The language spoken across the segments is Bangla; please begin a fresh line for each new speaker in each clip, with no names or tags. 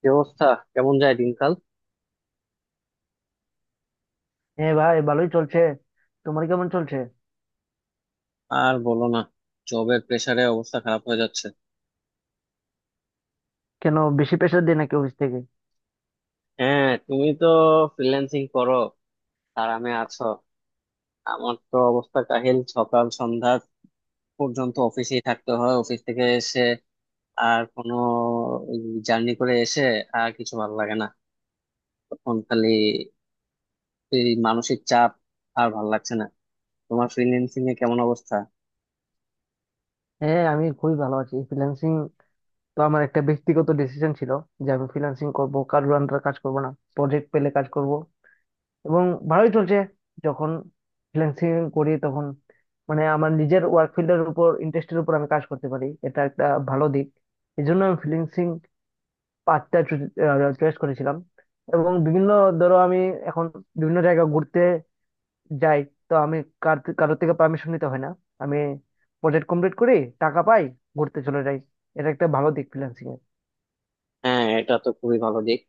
কি অবস্থা? কেমন যায় দিনকাল?
হ্যাঁ ভাই, ভালোই চলছে। তোমার কেমন চলছে?
আর বলো না, জবের প্রেসারে অবস্থা খারাপ হয়ে যাচ্ছে।
কেন, বেশি প্রেশার দেয় নাকি অফিস থেকে?
হ্যাঁ, তুমি তো ফ্রিল্যান্সিং করো, আরামে আছো। আমার তো অবস্থা কাহিল, সকাল সন্ধ্যা পর্যন্ত অফিসেই থাকতে হয়। অফিস থেকে এসে আর কোনো জার্নি করে এসে আর কিছু ভালো লাগে না। তখন খালি এই মানসিক চাপ, আর ভালো লাগছে না। তোমার ফ্রিল্যান্সিং এ কেমন অবস্থা?
হ্যাঁ, আমি খুবই ভালো আছি। ফ্রিল্যান্সিং তো আমার একটা ব্যক্তিগত ডিসিশন ছিল যে আমি ফ্রিল্যান্সিং করব, কারোর আন্ডারে কাজ করব না। প্রজেক্ট পেলে কাজ করব, এবং ভালোই চলছে। যখন ফ্রিল্যান্সিং করি তখন মানে আমার নিজের ওয়ার্ক ফিল্ডের উপর, ইন্টারেস্টের উপর আমি কাজ করতে পারি, এটা একটা ভালো দিক। এই জন্য আমি ফ্রিল্যান্সিং পাঁচটা চয়েস করেছিলাম। এবং বিভিন্ন, ধরো আমি এখন বিভিন্ন জায়গা ঘুরতে যাই, তো আমি কার কারোর থেকে পারমিশন নিতে হয় না। আমি প্রজেক্ট কমপ্লিট করি, টাকা পাই, ঘুরতে চলে যাই। এটা একটা ভালো দিক ফ্রিল্যান্সিং এর।
হ্যাঁ, এটা তো খুবই ভালো দিক,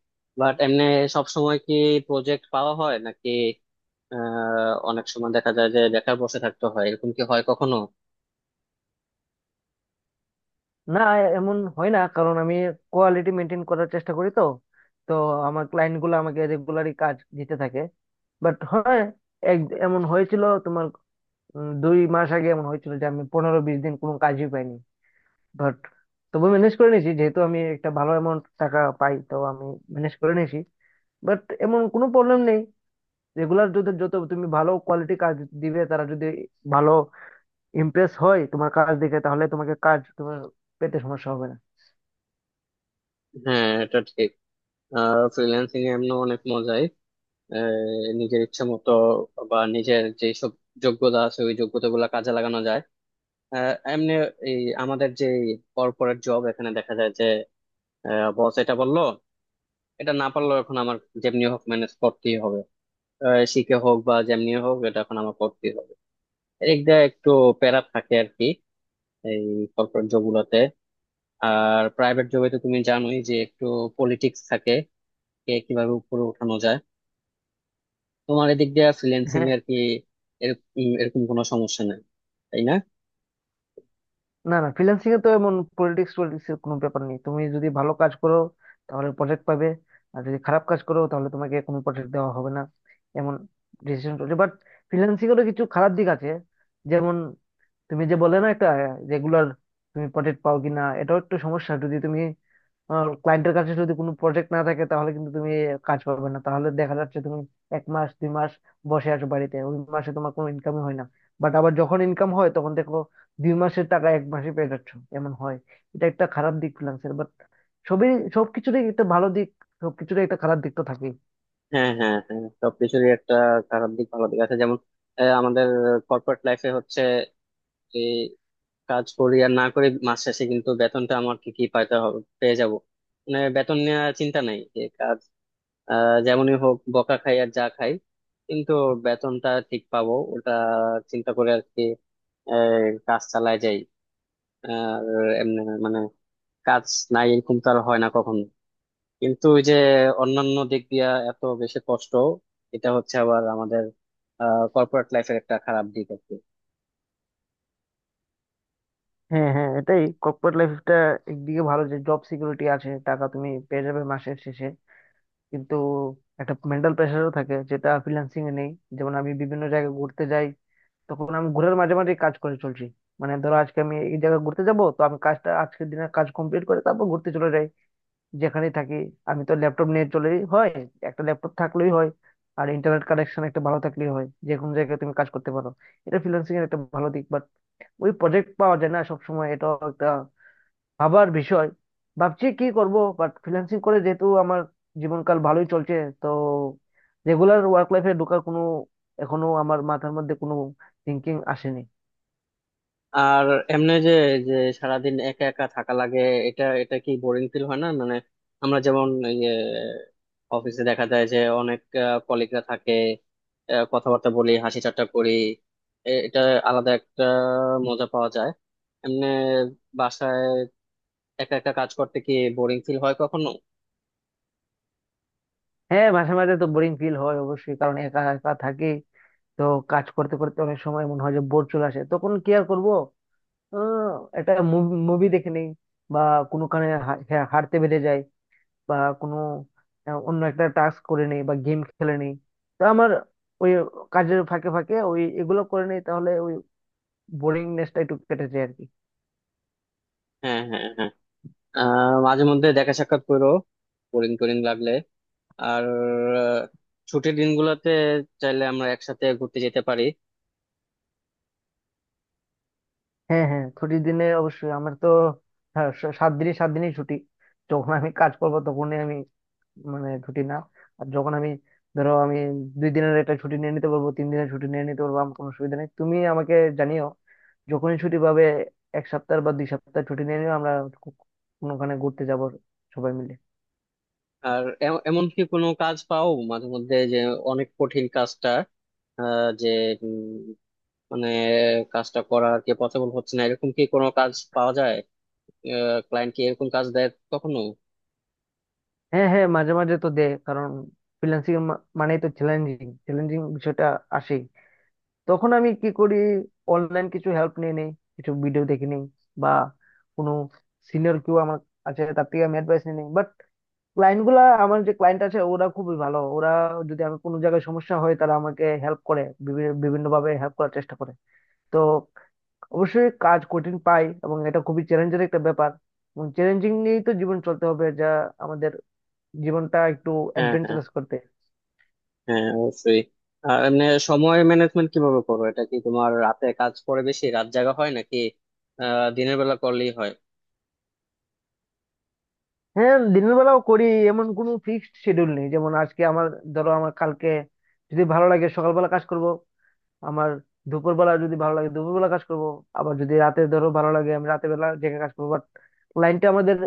বাট এমনি সব সময় কি প্রজেক্ট পাওয়া হয় নাকি? অনেক সময় দেখা যায় যে বেকার বসে থাকতে হয়, এরকম কি হয় কখনো?
না, এমন হয় না, কারণ আমি কোয়ালিটি মেনটেন করার চেষ্টা করি, তো তো আমার ক্লায়েন্ট গুলো আমাকে রেগুলারই কাজ দিতে থাকে। বাট হ্যাঁ, এক এমন হয়েছিল, তোমার 2 মাস আগে এমন হয়েছিল যে আমি 15-20 দিন কোনো কাজই পাইনি। বাট তবু ম্যানেজ করে নিয়েছি, যেহেতু আমি একটা ভালো অ্যামাউন্ট টাকা পাই, তো আমি ম্যানেজ করে নিয়েছি। বাট এমন কোনো প্রবলেম নেই, রেগুলার যদি যত তুমি ভালো কোয়ালিটি কাজ দিবে, তারা যদি ভালো ইমপ্রেস হয় তোমার কাজ দেখে, তাহলে তোমাকে কাজ তোমার পেতে সমস্যা হবে না।
হ্যাঁ, এটা ঠিক। ফ্রিল্যান্সিং এ এমন অনেক মজাই। আহ, নিজের ইচ্ছে মতো বা নিজের যেসব যোগ্যতা আছে ওই যোগ্যতা গুলা কাজে লাগানো যায়। এমনি এই আমাদের যে কর্পোরেট জব, এখানে দেখা যায় যে বস এটা বললো, এটা না পারলেও এখন আমার যেমনি হোক ম্যানেজ করতেই হবে। শিখে হোক বা যেমনি হোক, এটা এখন আমার করতেই হবে। এদিক দিয়ে একটু প্যারা থাকে আর কি এই কর্পোরেট জব গুলাতে। আর প্রাইভেট জবে তো তুমি জানোই যে একটু পলিটিক্স থাকে, কে কিভাবে উপরে উঠানো যায়। তোমার এদিক দিয়ে ফ্রিল্যান্সিং
হ্যাঁ।
এর কি এরকম এরকম কোনো সমস্যা নেই, তাই না?
না না, ফ্রিল্যান্সিং এ তো এমন পলিটিক্স পলিটিক্স এর কোনো ব্যাপার নেই। তুমি যদি ভালো কাজ করো তাহলে প্রজেক্ট পাবে, আর যদি খারাপ কাজ করো তাহলে তোমাকে কোনো প্রজেক্ট দেওয়া হবে না। এমন ডিসিশন চলছে। বাট ফ্রিল্যান্সিং এরও কিছু খারাপ দিক আছে, যেমন তুমি যে বলে না, একটা রেগুলার তুমি প্রজেক্ট পাও কিনা, এটাও একটু সমস্যা। যদি তুমি ক্লায়েন্টের কাছে যদি কোনো প্রজেক্ট না থাকে তাহলে কিন্তু তুমি কাজ পাবে না, তাহলে দেখা যাচ্ছে তুমি এক মাস দুই মাস বসে আছো বাড়িতে, ওই মাসে তোমার কোনো ইনকামই হয় না। বাট আবার যখন ইনকাম হয় তখন দেখো 2 মাসের টাকা এক মাসে পেয়ে যাচ্ছ, এমন হয়। এটা একটা খারাপ দিক ফ্রিল্যান্সের। বাট সবই, সবকিছুরই একটা ভালো দিক, সবকিছুরই একটা খারাপ দিক তো থাকেই।
হ্যাঁ, হ্যাঁ, হ্যাঁ, সবকিছুরই একটা খারাপ দিক ভালো দিক আছে। যেমন আমাদের কর্পোরেট লাইফে হচ্ছে যে কাজ করি আর না করি, মাস শেষে কিন্তু বেতনটা আমার কি কি পাইতে হবে পেয়ে যাব। মানে বেতন নেওয়ার চিন্তা নাই, যে কাজ যেমনই হোক, বকা খাই আর যা খাই, কিন্তু বেতনটা ঠিক পাবো, ওটা চিন্তা করে আর কি এই কাজ চালায় যাই। আর এমনি মানে কাজ নাই এরকম তো আর হয় না কখনো। কিন্তু ওই যে অন্যান্য দিক দিয়া এত বেশি কষ্ট, এটা হচ্ছে আবার আমাদের কর্পোরেট লাইফের একটা খারাপ দিক আছে।
হ্যাঁ হ্যাঁ, এটাই কর্পোরেট লাইফটা, একদিকে ভালো যে জব সিকিউরিটি আছে, টাকা তুমি পেয়ে যাবে মাসের শেষে, কিন্তু একটা মেন্টাল প্রেশারও থাকে যেটা ফ্রিল্যান্সিং এ নেই। যেমন আমি বিভিন্ন জায়গায় ঘুরতে যাই, তখন আমি ঘোরের মাঝে মাঝে কাজ করে চলছি। মানে ধরো আজকে আমি এই জায়গায় ঘুরতে যাব, তো আমি কাজটা আজকের দিনের কাজ কমপ্লিট করে তারপর ঘুরতে চলে যাই। যেখানেই থাকি, আমি তো ল্যাপটপ নিয়ে চলেই হয়, একটা ল্যাপটপ থাকলেই হয়, আর ইন্টারনেট কানেকশন একটা ভালো থাকলেই হয়, যে কোনো জায়গায় তুমি কাজ করতে পারো। এটা ফ্রিল্যান্সিং এর একটা ভালো দিক। বাট ওই প্রজেক্ট পাওয়া যায় না সবসময়, এটা একটা ভাবার বিষয়, ভাবছি কি করব। বাট ফ্রিল্যান্সিং করে যেহেতু আমার জীবনকাল ভালোই চলছে, তো রেগুলার ওয়ার্ক লাইফে ঢোকার কোনো, এখনো আমার মাথার মধ্যে কোনো থিঙ্কিং আসেনি।
আর এমনি যে যে সারাদিন একা একা থাকা লাগে, এটা এটা কি বোরিং ফিল হয় না? মানে আমরা যেমন এই যে অফিসে দেখা যায় যে অনেক কলিগরা থাকে, কথাবার্তা বলি, হাসি ঠাট্টা করি, এটা আলাদা একটা মজা পাওয়া যায়। এমনি বাসায় একা একা কাজ করতে কি বোরিং ফিল হয় কখনো?
হ্যাঁ, মাঝে মাঝে তো বোরিং ফিল হয় অবশ্যই, কারণ একা একা থাকি, তো কাজ করতে করতে অনেক সময় মনে হয় যে বোর চলে আসে, তখন কি আর করবো, আহ, একটা মুভি দেখে নেই, বা কোনো কারণে হ্যাঁ, হাঁটতে বেড়ে যায়, বা কোনো অন্য একটা টাস্ক করে নেই, বা গেম খেলে নেই। তো আমার ওই কাজের ফাঁকে ফাঁকে ওই এগুলো করে নেই, তাহলে ওই বোরিংনেসটা একটু কেটে যায় আর কি।
হ্যাঁ, হ্যাঁ, হ্যাঁ, মাঝে মধ্যে দেখা সাক্ষাৎ করো বোরিং টোরিং লাগলে। আর আহ, ছুটির দিনগুলোতে চাইলে আমরা একসাথে ঘুরতে যেতে পারি।
হ্যাঁ হ্যাঁ, ছুটির দিনে অবশ্যই আমার তো হ্যাঁ, 7 দিনই 7 দিনই ছুটি। যখন আমি কাজ করবো তখনই আমি, মানে ছুটি না। আর যখন আমি, ধরো আমি 2 দিনের একটা ছুটি নিয়ে নিতে পারবো, 3 দিনের ছুটি নিয়ে নিতে পারবো, আমার কোনো অসুবিধা নেই। তুমি আমাকে জানিও, যখনই ছুটি পাবে এক সপ্তাহ বা 2 সপ্তাহ ছুটি নিয়ে নিও, আমরা কো- কোনোখানে ঘুরতে যাব সবাই মিলে।
আর এমনকি কোনো কাজ পাও মাঝে মধ্যে যে অনেক কঠিন কাজটা, আহ, যে উম, মানে কাজটা করা আর কি পসিবল হচ্ছে না, এরকম কি কোনো কাজ পাওয়া যায়? ক্লায়েন্ট কি এরকম কাজ দেয় কখনো?
হ্যাঁ হ্যাঁ, মাঝে মাঝে তো দে, কারণ ফ্রিল্যান্সিং মানেই তো চ্যালেঞ্জিং, চ্যালেঞ্জিং বিষয়টা আসেই। তখন আমি কি করি, অনলাইন কিছু হেল্প নিয়ে নিই, কিছু ভিডিও দেখে নিই, বা কোনো সিনিয়র কেউ আমার আছে তার থেকে আমি অ্যাডভাইস নিয়ে নিই। ক্লায়েন্ট গুলা আমার যে ক্লায়েন্ট আছে ওরা খুবই ভালো, ওরা যদি আমি কোনো জায়গায় সমস্যা হয় তারা আমাকে হেল্প করে, বিভিন্ন ভাবে হেল্প করার চেষ্টা করে। তো অবশ্যই কাজ কঠিন পাই, এবং এটা খুবই চ্যালেঞ্জের একটা ব্যাপার। এবং চ্যালেঞ্জিং নিয়েই তো জীবন চলতে হবে, যা আমাদের জীবনটা একটু
হ্যাঁ, হ্যাঁ,
অ্যাডভেঞ্চারাস করতে।
হ্যাঁ, অবশ্যই। আর এমনি সময় ম্যানেজমেন্ট কিভাবে করো? এটা কি তোমার রাতে কাজ করে বেশি, রাত জাগা হয় নাকি দিনের বেলা করলেই হয়?
হ্যাঁ, দিনের বেলাও করি। এমন কোনো ফিক্সড শিডিউল নেই, যেমন আজকে আমার, ধরো আমার কালকে যদি ভালো লাগে সকালবেলা কাজ করব, আমার দুপুরবেলা যদি ভালো লাগে দুপুরবেলা কাজ করব, আবার যদি রাতে ধরো ভালো লাগে আমি রাতের বেলা জেগে কাজ করবো। বাট ক্লায়েন্টটা আমাদের,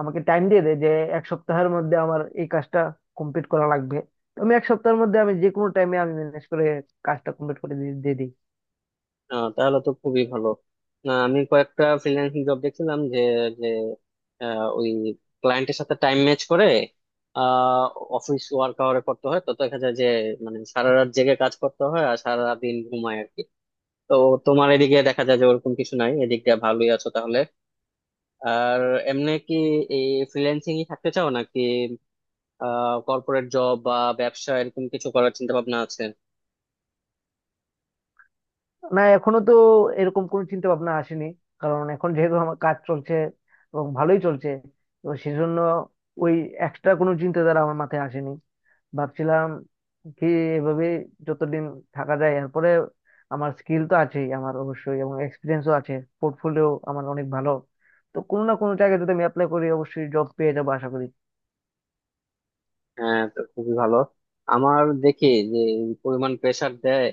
আমাকে টাইম দিয়ে দেয় যে এক সপ্তাহের মধ্যে আমার এই কাজটা কমপ্লিট করা লাগবে, তো আমি এক সপ্তাহের মধ্যে আমি যে কোনো টাইমে আমি ম্যানেজ করে কাজটা কমপ্লিট করে দিয়ে দিয়ে দিই।
তাহলে তো খুবই ভালো। না, আমি কয়েকটা ফ্রিল্যান্সিং জব দেখছিলাম যে যে আহ, ওই ক্লায়েন্টের সাথে টাইম ম্যাচ করে অফিস ওয়ার্ক আওয়ারে করতে হয়, তো দেখা যায় যে মানে সারা রাত জেগে কাজ করতে হয় আর সারা দিন ঘুমায় আর কি। তো তোমার এদিকে দেখা যায় যে ওরকম কিছু নাই, এদিক দিয়ে ভালোই আছো তাহলে। আর এমনি কি এই ফ্রিল্যান্সিং থাকতে চাও নাকি কর্পোরেট জব বা ব্যবসা এরকম কিছু করার চিন্তা ভাবনা আছে?
না এখনো তো এরকম কোনো চিন্তা ভাবনা আসেনি, কারণ এখন যেহেতু আমার কাজ চলছে এবং ভালোই চলছে, তো সেজন্য ওই এক্সট্রা কোনো চিন্তাধারা আমার মাথায় আসেনি। ভাবছিলাম কি, এভাবে যতদিন থাকা যায়, এরপরে আমার স্কিল তো আছেই আমার অবশ্যই, এবং এক্সপিরিয়েন্সও আছে, পোর্টফোলিও আমার অনেক ভালো, তো কোনো না কোনো জায়গায় যদি আমি অ্যাপ্লাই করি অবশ্যই জব পেয়ে যাবো আশা করি।
হ্যাঁ, তো খুবই ভালো। আমার দেখি যে এই পরিমাণ প্রেসার দেয়,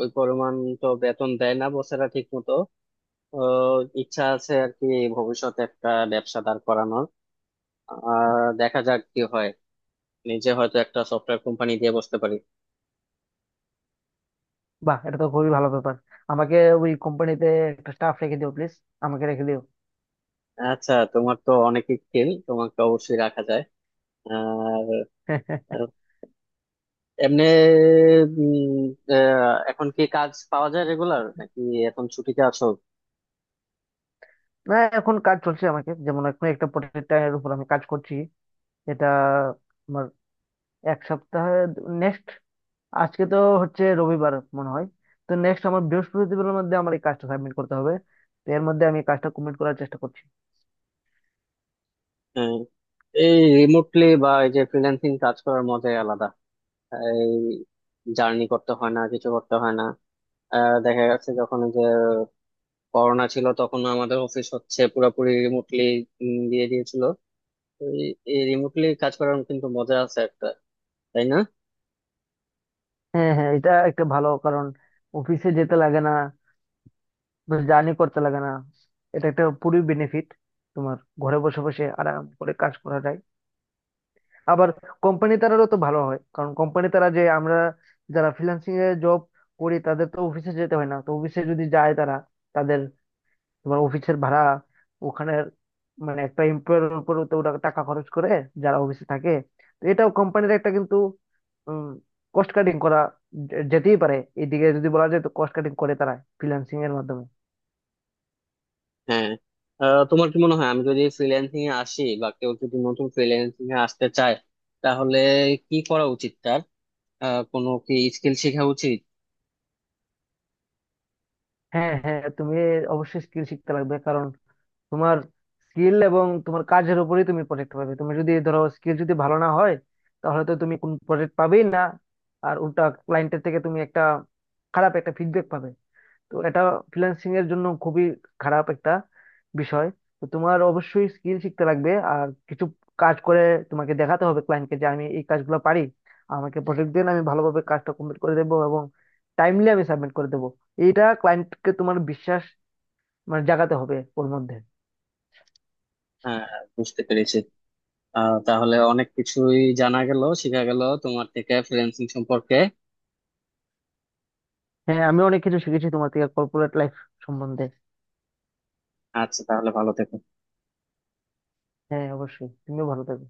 ওই পরিমাণ তো বেতন দেয় না বসেরা ঠিক মতো। ইচ্ছা আছে আর কি ভবিষ্যতে একটা ব্যবসা দাঁড় করানোর, আর দেখা যাক কি হয়, নিজে হয়তো একটা সফটওয়্যার কোম্পানি দিয়ে বসতে পারি।
বাহ, এটা তো খুবই ভালো ব্যাপার। আমাকে ওই কোম্পানিতে একটা স্টাফ রেখে দিও প্লিজ, আমাকে রেখে দিও।
আচ্ছা, তোমার তো অনেক স্কিল, তোমাকে অবশ্যই রাখা যায়। আর এমনি উম, এখন কি কাজ পাওয়া যায় রেগুলার নাকি এখন ছুটিতে আছো?
না, এখন কাজ চলছে, আমাকে যেমন এখন একটা প্রোডাক্টের উপর আমি কাজ করছি। এটা আমার এক সপ্তাহে, নেক্সট, আজকে তো হচ্ছে রবিবার মনে হয়, তো নেক্সট আমার বৃহস্পতিবারের মধ্যে আমার এই কাজটা সাবমিট করতে হবে, তো এর মধ্যে আমি কাজটা কমপ্লিট করার চেষ্টা করছি।
উম, এই রিমোটলি বা এই যে ফ্রিল্যান্সিং কাজ করার মজাই আলাদা। এই জার্নি করতে হয় না, কিছু করতে হয় না। দেখা যাচ্ছে যখন এই যে করোনা ছিল তখন আমাদের অফিস হচ্ছে পুরোপুরি রিমোটলি দিয়ে দিয়েছিল। তো এই এই রিমোটলি কাজ করার কিন্তু মজা আছে একটা, তাই না?
হ্যাঁ হ্যাঁ, এটা একটা ভালো কারণ, অফিসে যেতে লাগে না, জার্নি করতে লাগে না, এটা একটা পুরো বেনিফিট তোমার, ঘরে বসে বসে আরাম করে কাজ করা যায়। আবার কোম্পানি তারারও তো ভালো হয়, কারণ কোম্পানি তারা, যে আমরা যারা ফ্রিল্যান্সিং এ জব করি তাদের তো অফিসে যেতে হয় না, তো অফিসে যদি যায় তারা, তাদের তোমার অফিসের ভাড়া ওখানে, মানে একটা এমপ্লয়ের উপর তো ওরা টাকা খরচ করে যারা অফিসে থাকে। তো এটাও কোম্পানির একটা কিন্তু কস্ট কাটিং করা যেতেই পারে, এদিকে যদি বলা যায়, তো কস্ট কাটিং করে তারা ফ্রিল্যান্সিং এর মাধ্যমে।
হ্যাঁ, তোমার কি মনে হয় আমি যদি ফ্রিল্যান্সিং এ আসি বা কেউ যদি নতুন ফ্রিল্যান্সিং এ আসতে চায়, তাহলে কি করা উচিত তার? কোনো কি স্কিল শেখা উচিত?
হ্যাঁ হ্যাঁ, তুমি অবশ্যই স্কিল শিখতে লাগবে, কারণ তোমার স্কিল এবং তোমার কাজের উপরেই তুমি প্রজেক্ট পাবে। তুমি যদি ধরো স্কিল যদি ভালো না হয়, তাহলে তো তুমি কোন প্রজেক্ট পাবেই না, আর উল্টা ক্লায়েন্টের থেকে তুমি একটা খারাপ একটা ফিডব্যাক পাবে। তো এটা ফ্রিল্যান্সিং এর জন্য খুবই খারাপ একটা বিষয়। তো তোমার অবশ্যই স্কিল শিখতে লাগবে, আর কিছু কাজ করে তোমাকে দেখাতে হবে ক্লায়েন্টকে, যে আমি এই কাজগুলো পারি, আমাকে প্রজেক্ট দিন, আমি ভালোভাবে কাজটা কমপ্লিট করে দেবো এবং টাইমলি আমি সাবমিট করে দেবো। এইটা ক্লায়েন্টকে তোমার বিশ্বাস, মানে জাগাতে হবে ওর মধ্যে।
হ্যাঁ, বুঝতে পেরেছি। তাহলে অনেক কিছুই জানা গেল, শেখা গেল তোমার থেকে ফ্রিল্যান্সিং সম্পর্কে।
হ্যাঁ, আমি অনেক কিছু শিখেছি তোমার থেকে কর্পোরেট লাইফ সম্বন্ধে।
আচ্ছা, তাহলে ভালো থেকো।
হ্যাঁ অবশ্যই, তুমিও ভালো থাকবে।